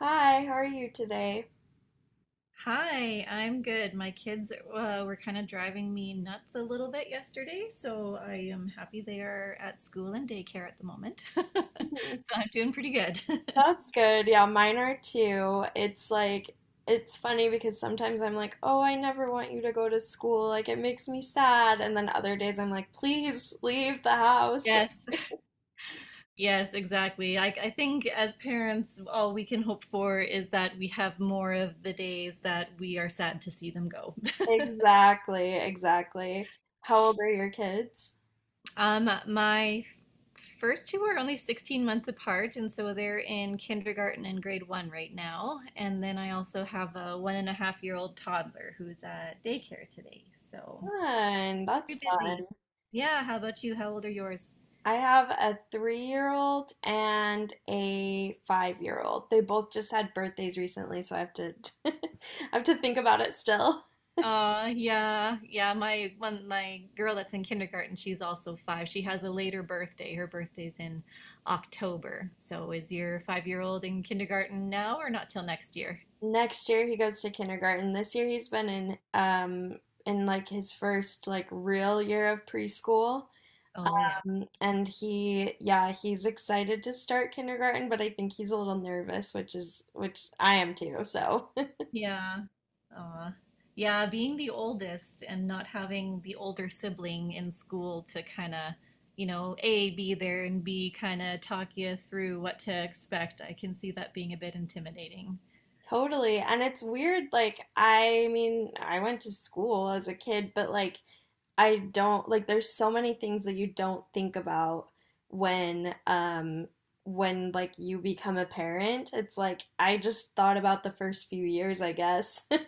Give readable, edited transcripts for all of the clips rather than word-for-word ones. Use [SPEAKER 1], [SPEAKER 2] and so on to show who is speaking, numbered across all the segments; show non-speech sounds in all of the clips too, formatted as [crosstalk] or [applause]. [SPEAKER 1] Hi, how are you today?
[SPEAKER 2] Hi, I'm good. My kids were kind of driving me nuts a little bit yesterday, so I am happy they are at school and daycare at the moment. [laughs]
[SPEAKER 1] Mhm.
[SPEAKER 2] So I'm doing pretty good. [laughs]
[SPEAKER 1] That's good. Yeah, mine are too. It's like, it's funny because sometimes I'm like, oh, I never want you to go to school. Like, it makes me sad. And then other days I'm like, please leave the house.
[SPEAKER 2] Yes, yes, exactly. I think as parents, all we can hope for is that we have more of the days that we are sad to see them go.
[SPEAKER 1] Exactly, exactly. How old are your kids?
[SPEAKER 2] My first two are only 16 months apart, and so they're in kindergarten and grade one right now. And then I also have a 1.5 year old toddler who's at daycare today. So
[SPEAKER 1] Fun. That's
[SPEAKER 2] very
[SPEAKER 1] fun.
[SPEAKER 2] busy. Yeah, how about you? How old are yours?
[SPEAKER 1] I have a three-year-old and a five-year-old. They both just had birthdays recently, so I have to [laughs] I have to think about it still.
[SPEAKER 2] Yeah, yeah. My girl that's in kindergarten, she's also five. She has a later birthday. Her birthday's in October. So is your 5 year old in kindergarten now or not till next year?
[SPEAKER 1] Next year he goes to kindergarten. This year he's been in like his first like real year of preschool.
[SPEAKER 2] Oh, yeah.
[SPEAKER 1] And he yeah, he's excited to start kindergarten, but I think he's a little nervous, which I am too. So
[SPEAKER 2] Yeah. Aw. Yeah, being the oldest and not having the older sibling in school to kind of, A, be there and B, kind of talk you through what to expect, I can see that being a bit intimidating.
[SPEAKER 1] totally. And it's weird, like, I mean, I went to school as a kid, but like, I don't, like, there's so many things that you don't think about when, um, when like you become a parent. It's like, I just thought about the first few years, I guess. [laughs] I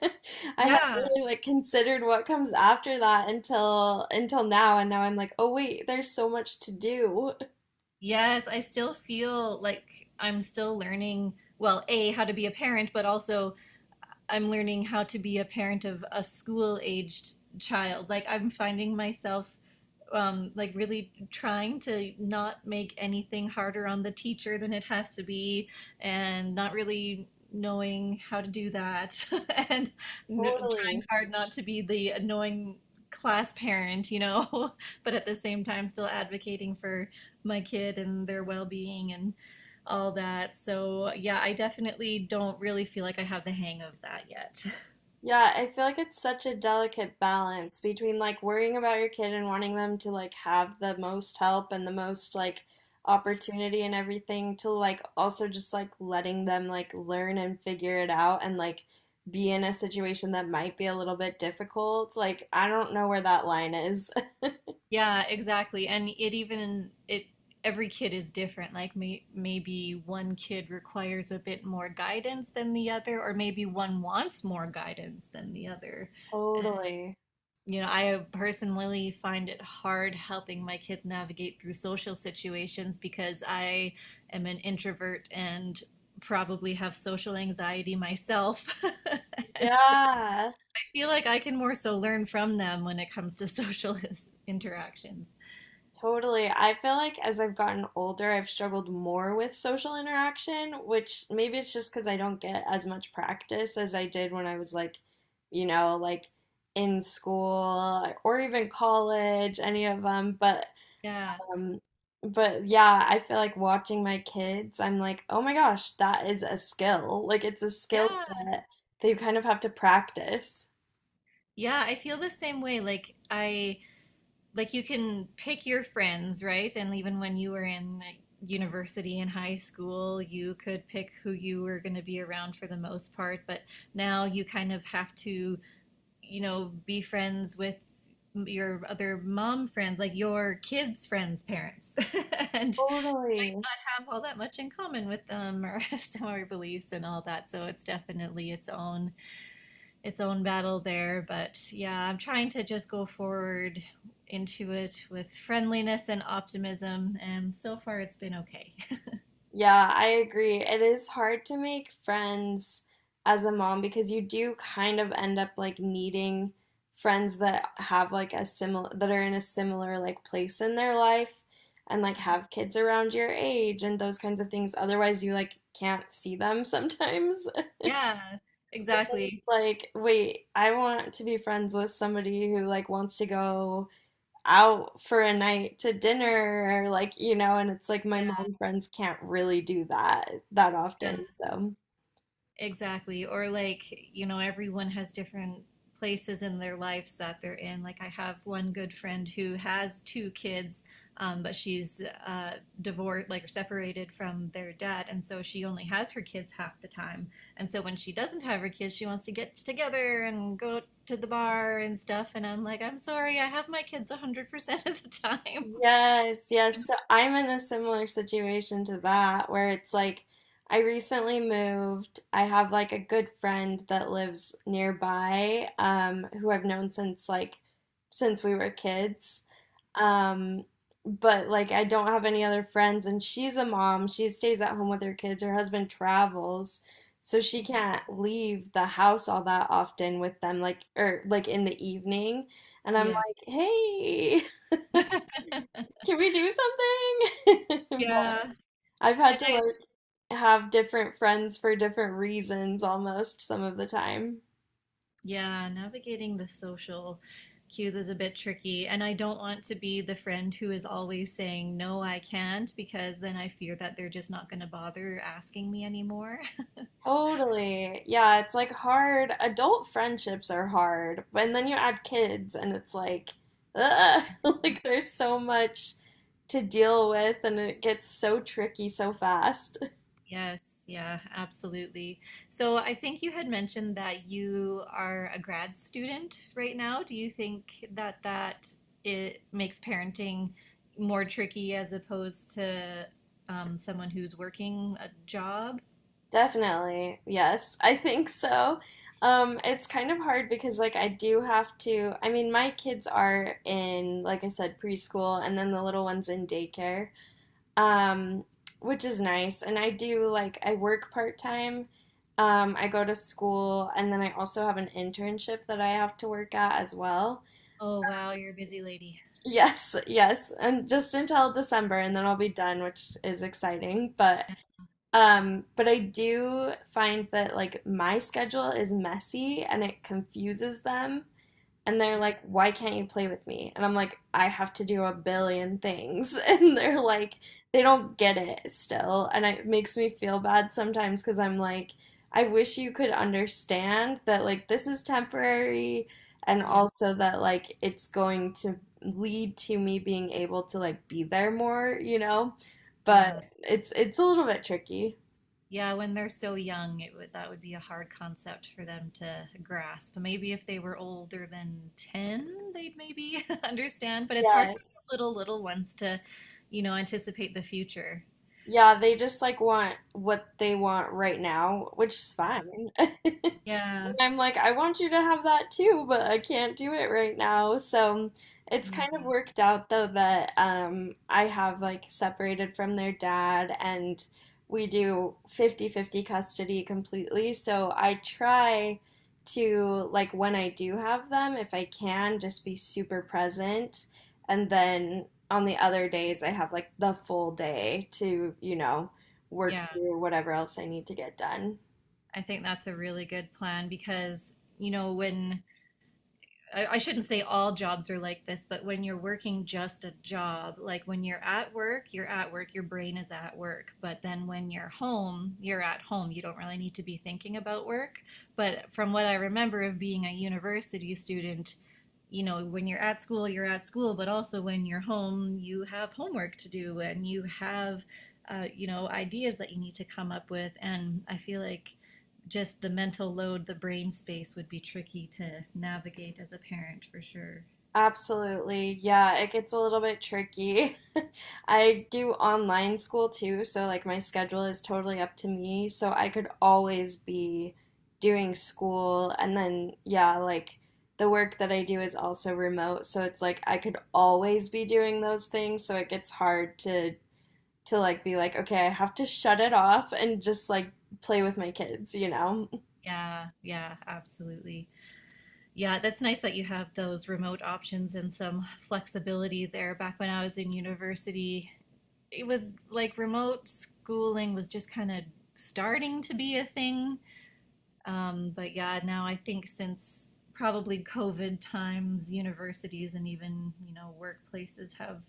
[SPEAKER 1] hadn't
[SPEAKER 2] Yeah.
[SPEAKER 1] really like considered what comes after that until now, and now I'm like, oh wait, there's so much to do. [laughs]
[SPEAKER 2] Yes, I still feel like I'm still learning, well, A, how to be a parent, but also I'm learning how to be a parent of a school-aged child. Like I'm finding myself like really trying to not make anything harder on the teacher than it has to be, and not really knowing how to do that, [laughs] and trying
[SPEAKER 1] Totally.
[SPEAKER 2] hard not to be the annoying class parent, you know, [laughs] but at the same time still advocating for my kid and their well-being and all that. So, yeah, I definitely don't really feel like I have the hang of that yet. [laughs]
[SPEAKER 1] Yeah, I feel like it's such a delicate balance between like worrying about your kid and wanting them to like have the most help and the most like opportunity and everything to like also just like letting them like learn and figure it out and like be in a situation that might be a little bit difficult. Like, I don't know where that line is. [laughs]
[SPEAKER 2] Yeah, exactly. And it even it every kid is different. Like maybe one kid requires a bit more guidance than the other, or maybe one wants more guidance than the other. And,
[SPEAKER 1] Totally.
[SPEAKER 2] you know, I personally find it hard helping my kids navigate through social situations because I am an introvert and probably have social anxiety myself. [laughs] And so
[SPEAKER 1] Yeah.
[SPEAKER 2] I feel like I can more so learn from them when it comes to social [laughs] interactions.
[SPEAKER 1] Totally. I feel like as I've gotten older, I've struggled more with social interaction, which maybe it's just because I don't get as much practice as I did when I was like, you know, like in school or even college, any of them.
[SPEAKER 2] Yeah.
[SPEAKER 1] Um, but yeah, I feel like watching my kids, I'm like, oh my gosh, that is a skill. Like it's a
[SPEAKER 2] Yeah.
[SPEAKER 1] skill set that you kind of have to practice.
[SPEAKER 2] Yeah, I feel the same way. Like I like you can pick your friends, right? And even when you were in like, university and high school, you could pick who you were going to be around for the most part, but now you kind of have to, you know, be friends with your other mom friends, like your kids' friends' parents, [laughs] and
[SPEAKER 1] Totally.
[SPEAKER 2] not have all that much in common with them or [laughs] similar beliefs and all that. So it's definitely its own battle there. But yeah, I'm trying to just go forward into it with friendliness and optimism. And so far, it's been okay.
[SPEAKER 1] Yeah, I agree. It is hard to make friends as a mom because you do kind of end up like needing friends that have like a similar that are in a similar like place in their life and like have kids around your age and those kinds of things. Otherwise, you like can't see them sometimes. [laughs]
[SPEAKER 2] [laughs] Yeah, exactly.
[SPEAKER 1] Like, wait, I want to be friends with somebody who like wants to go out for a night to dinner, or like, you know, and it's like my
[SPEAKER 2] Yeah.
[SPEAKER 1] mom friends can't really do that that
[SPEAKER 2] Yeah.
[SPEAKER 1] often. So.
[SPEAKER 2] Exactly. Or like, you know, everyone has different places in their lives that they're in. Like I have one good friend who has two kids, but she's uh, divorced, like separated from their dad, and so she only has her kids half the time. And so when she doesn't have her kids, she wants to get together and go to the bar and stuff. And I'm like, I'm sorry, I have my kids 100% of the time. [laughs]
[SPEAKER 1] Yes, yes. So I'm in a similar situation to that where it's like I recently moved. I have like a good friend that lives nearby, who I've known since since we were kids. Um, but like I don't have any other friends and she's a mom. She stays at home with her kids. Her husband travels, so she can't leave the house all that often with them, like or like in the evening. And I'm
[SPEAKER 2] Yeah.
[SPEAKER 1] like, "Hey, [laughs] can we do something? [laughs] But
[SPEAKER 2] Yeah.
[SPEAKER 1] I've had
[SPEAKER 2] And
[SPEAKER 1] to
[SPEAKER 2] I,
[SPEAKER 1] like have different friends for different reasons almost some of the time.
[SPEAKER 2] Yeah, navigating the social cues is a bit tricky. And I don't want to be the friend who is always saying, no, I can't, because then I fear that they're just not going to bother asking me anymore. [laughs]
[SPEAKER 1] Totally. Yeah, it's like hard. Adult friendships are hard. But- and then you add kids and it's like, ugh, [laughs] like there's so much to deal with and it gets so tricky so fast.
[SPEAKER 2] Yes, yeah, absolutely. So I think you had mentioned that you are a grad student right now. Do you think that it makes parenting more tricky as opposed to someone who's working a job?
[SPEAKER 1] Definitely. Yes, I think so. It's kind of hard because like I do have to, I mean, my kids are in, like I said, preschool and then the little one's in daycare. Um, which is nice. And I do like I work part-time. I go to school and then I also have an internship that I have to work at as well.
[SPEAKER 2] Oh, wow, you're a busy lady.
[SPEAKER 1] Yes, yes, and just until December and then I'll be done, which is exciting, but I do find that like my schedule is messy and it confuses them. And they're
[SPEAKER 2] Yeah.
[SPEAKER 1] like, why can't you play with me? And I'm like, I have to do a billion things. [laughs] And they're like, they don't get it still. And it makes me feel bad sometimes because I'm like, I wish you could understand that like this is temporary and also that like it's going to lead to me being able to like be there more, you know? But
[SPEAKER 2] Yeah.
[SPEAKER 1] it's a little bit tricky.
[SPEAKER 2] Yeah, when they're so young, it would that would be a hard concept for them to grasp. Maybe if they were older than 10, they'd maybe [laughs] understand, but it's hard for the
[SPEAKER 1] Yes.
[SPEAKER 2] little little ones to, you know, anticipate the future.
[SPEAKER 1] Yeah, they just like want what they want right now, which is
[SPEAKER 2] Yeah.
[SPEAKER 1] fine.
[SPEAKER 2] Yeah.
[SPEAKER 1] [laughs] I'm like, I want you to have that too, but I can't do it right now. So it's
[SPEAKER 2] Yeah.
[SPEAKER 1] kind of worked out though that I have like separated from their dad and we do 50-50 custody completely. So I try to, like, when I do have them, if I can, just be super present. And then on the other days, I have like the full day to, you know, work
[SPEAKER 2] Yeah.
[SPEAKER 1] through whatever else I need to get done.
[SPEAKER 2] I think that's a really good plan because, you know, when I shouldn't say all jobs are like this, but when you're working just a job, like when you're at work, your brain is at work. But then when you're home, you're at home. You don't really need to be thinking about work. But from what I remember of being a university student, you know, when you're at school, but also when you're home, you have homework to do and you have, you know, ideas that you need to come up with. And I feel like just the mental load, the brain space would be tricky to navigate as a parent for sure.
[SPEAKER 1] Absolutely. Yeah, it gets a little bit tricky. [laughs] I do online school too, so like my schedule is totally up to me. So I could always be doing school. And then, yeah, like the work that I do is also remote. So it's like I could always be doing those things. So it gets hard to like be like, okay, I have to shut it off and just like play with my kids, you know?
[SPEAKER 2] Yeah, yeah, absolutely. Yeah, that's nice that you have those remote options and some flexibility there. Back when I was in university, it was like remote schooling was just kind of starting to be a thing. But yeah, now I think since probably COVID times, universities and even you know workplaces have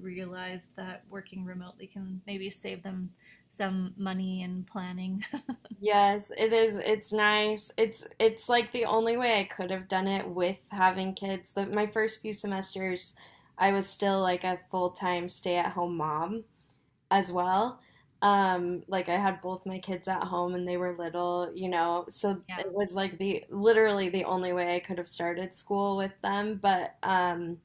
[SPEAKER 2] realized that working remotely can maybe save them some money and planning. [laughs]
[SPEAKER 1] Yes, it is. It's nice. It's like the only way I could have done it with having kids. The, my first few semesters, I was still like a full-time stay-at-home mom as well. Like I had both my kids at home and they were little, you know. So it
[SPEAKER 2] Yeah.
[SPEAKER 1] was like the literally the only way I could have started school with them, but um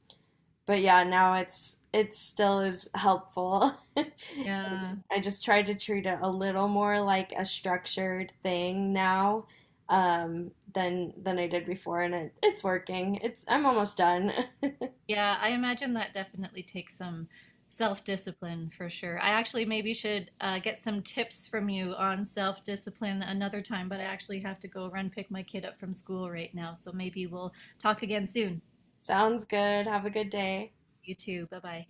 [SPEAKER 1] but yeah, now it still is helpful.
[SPEAKER 2] Yeah.
[SPEAKER 1] [laughs] I just try to treat it a little more like a structured thing now than I did before, and it's working. It's I'm almost done.
[SPEAKER 2] Yeah, I imagine that definitely takes some self-discipline for sure. I actually maybe should get some tips from you on self-discipline another time, but I actually have to go run pick my kid up from school right now. So maybe we'll talk again soon.
[SPEAKER 1] [laughs] Sounds good. Have a good day.
[SPEAKER 2] You too. Bye-bye.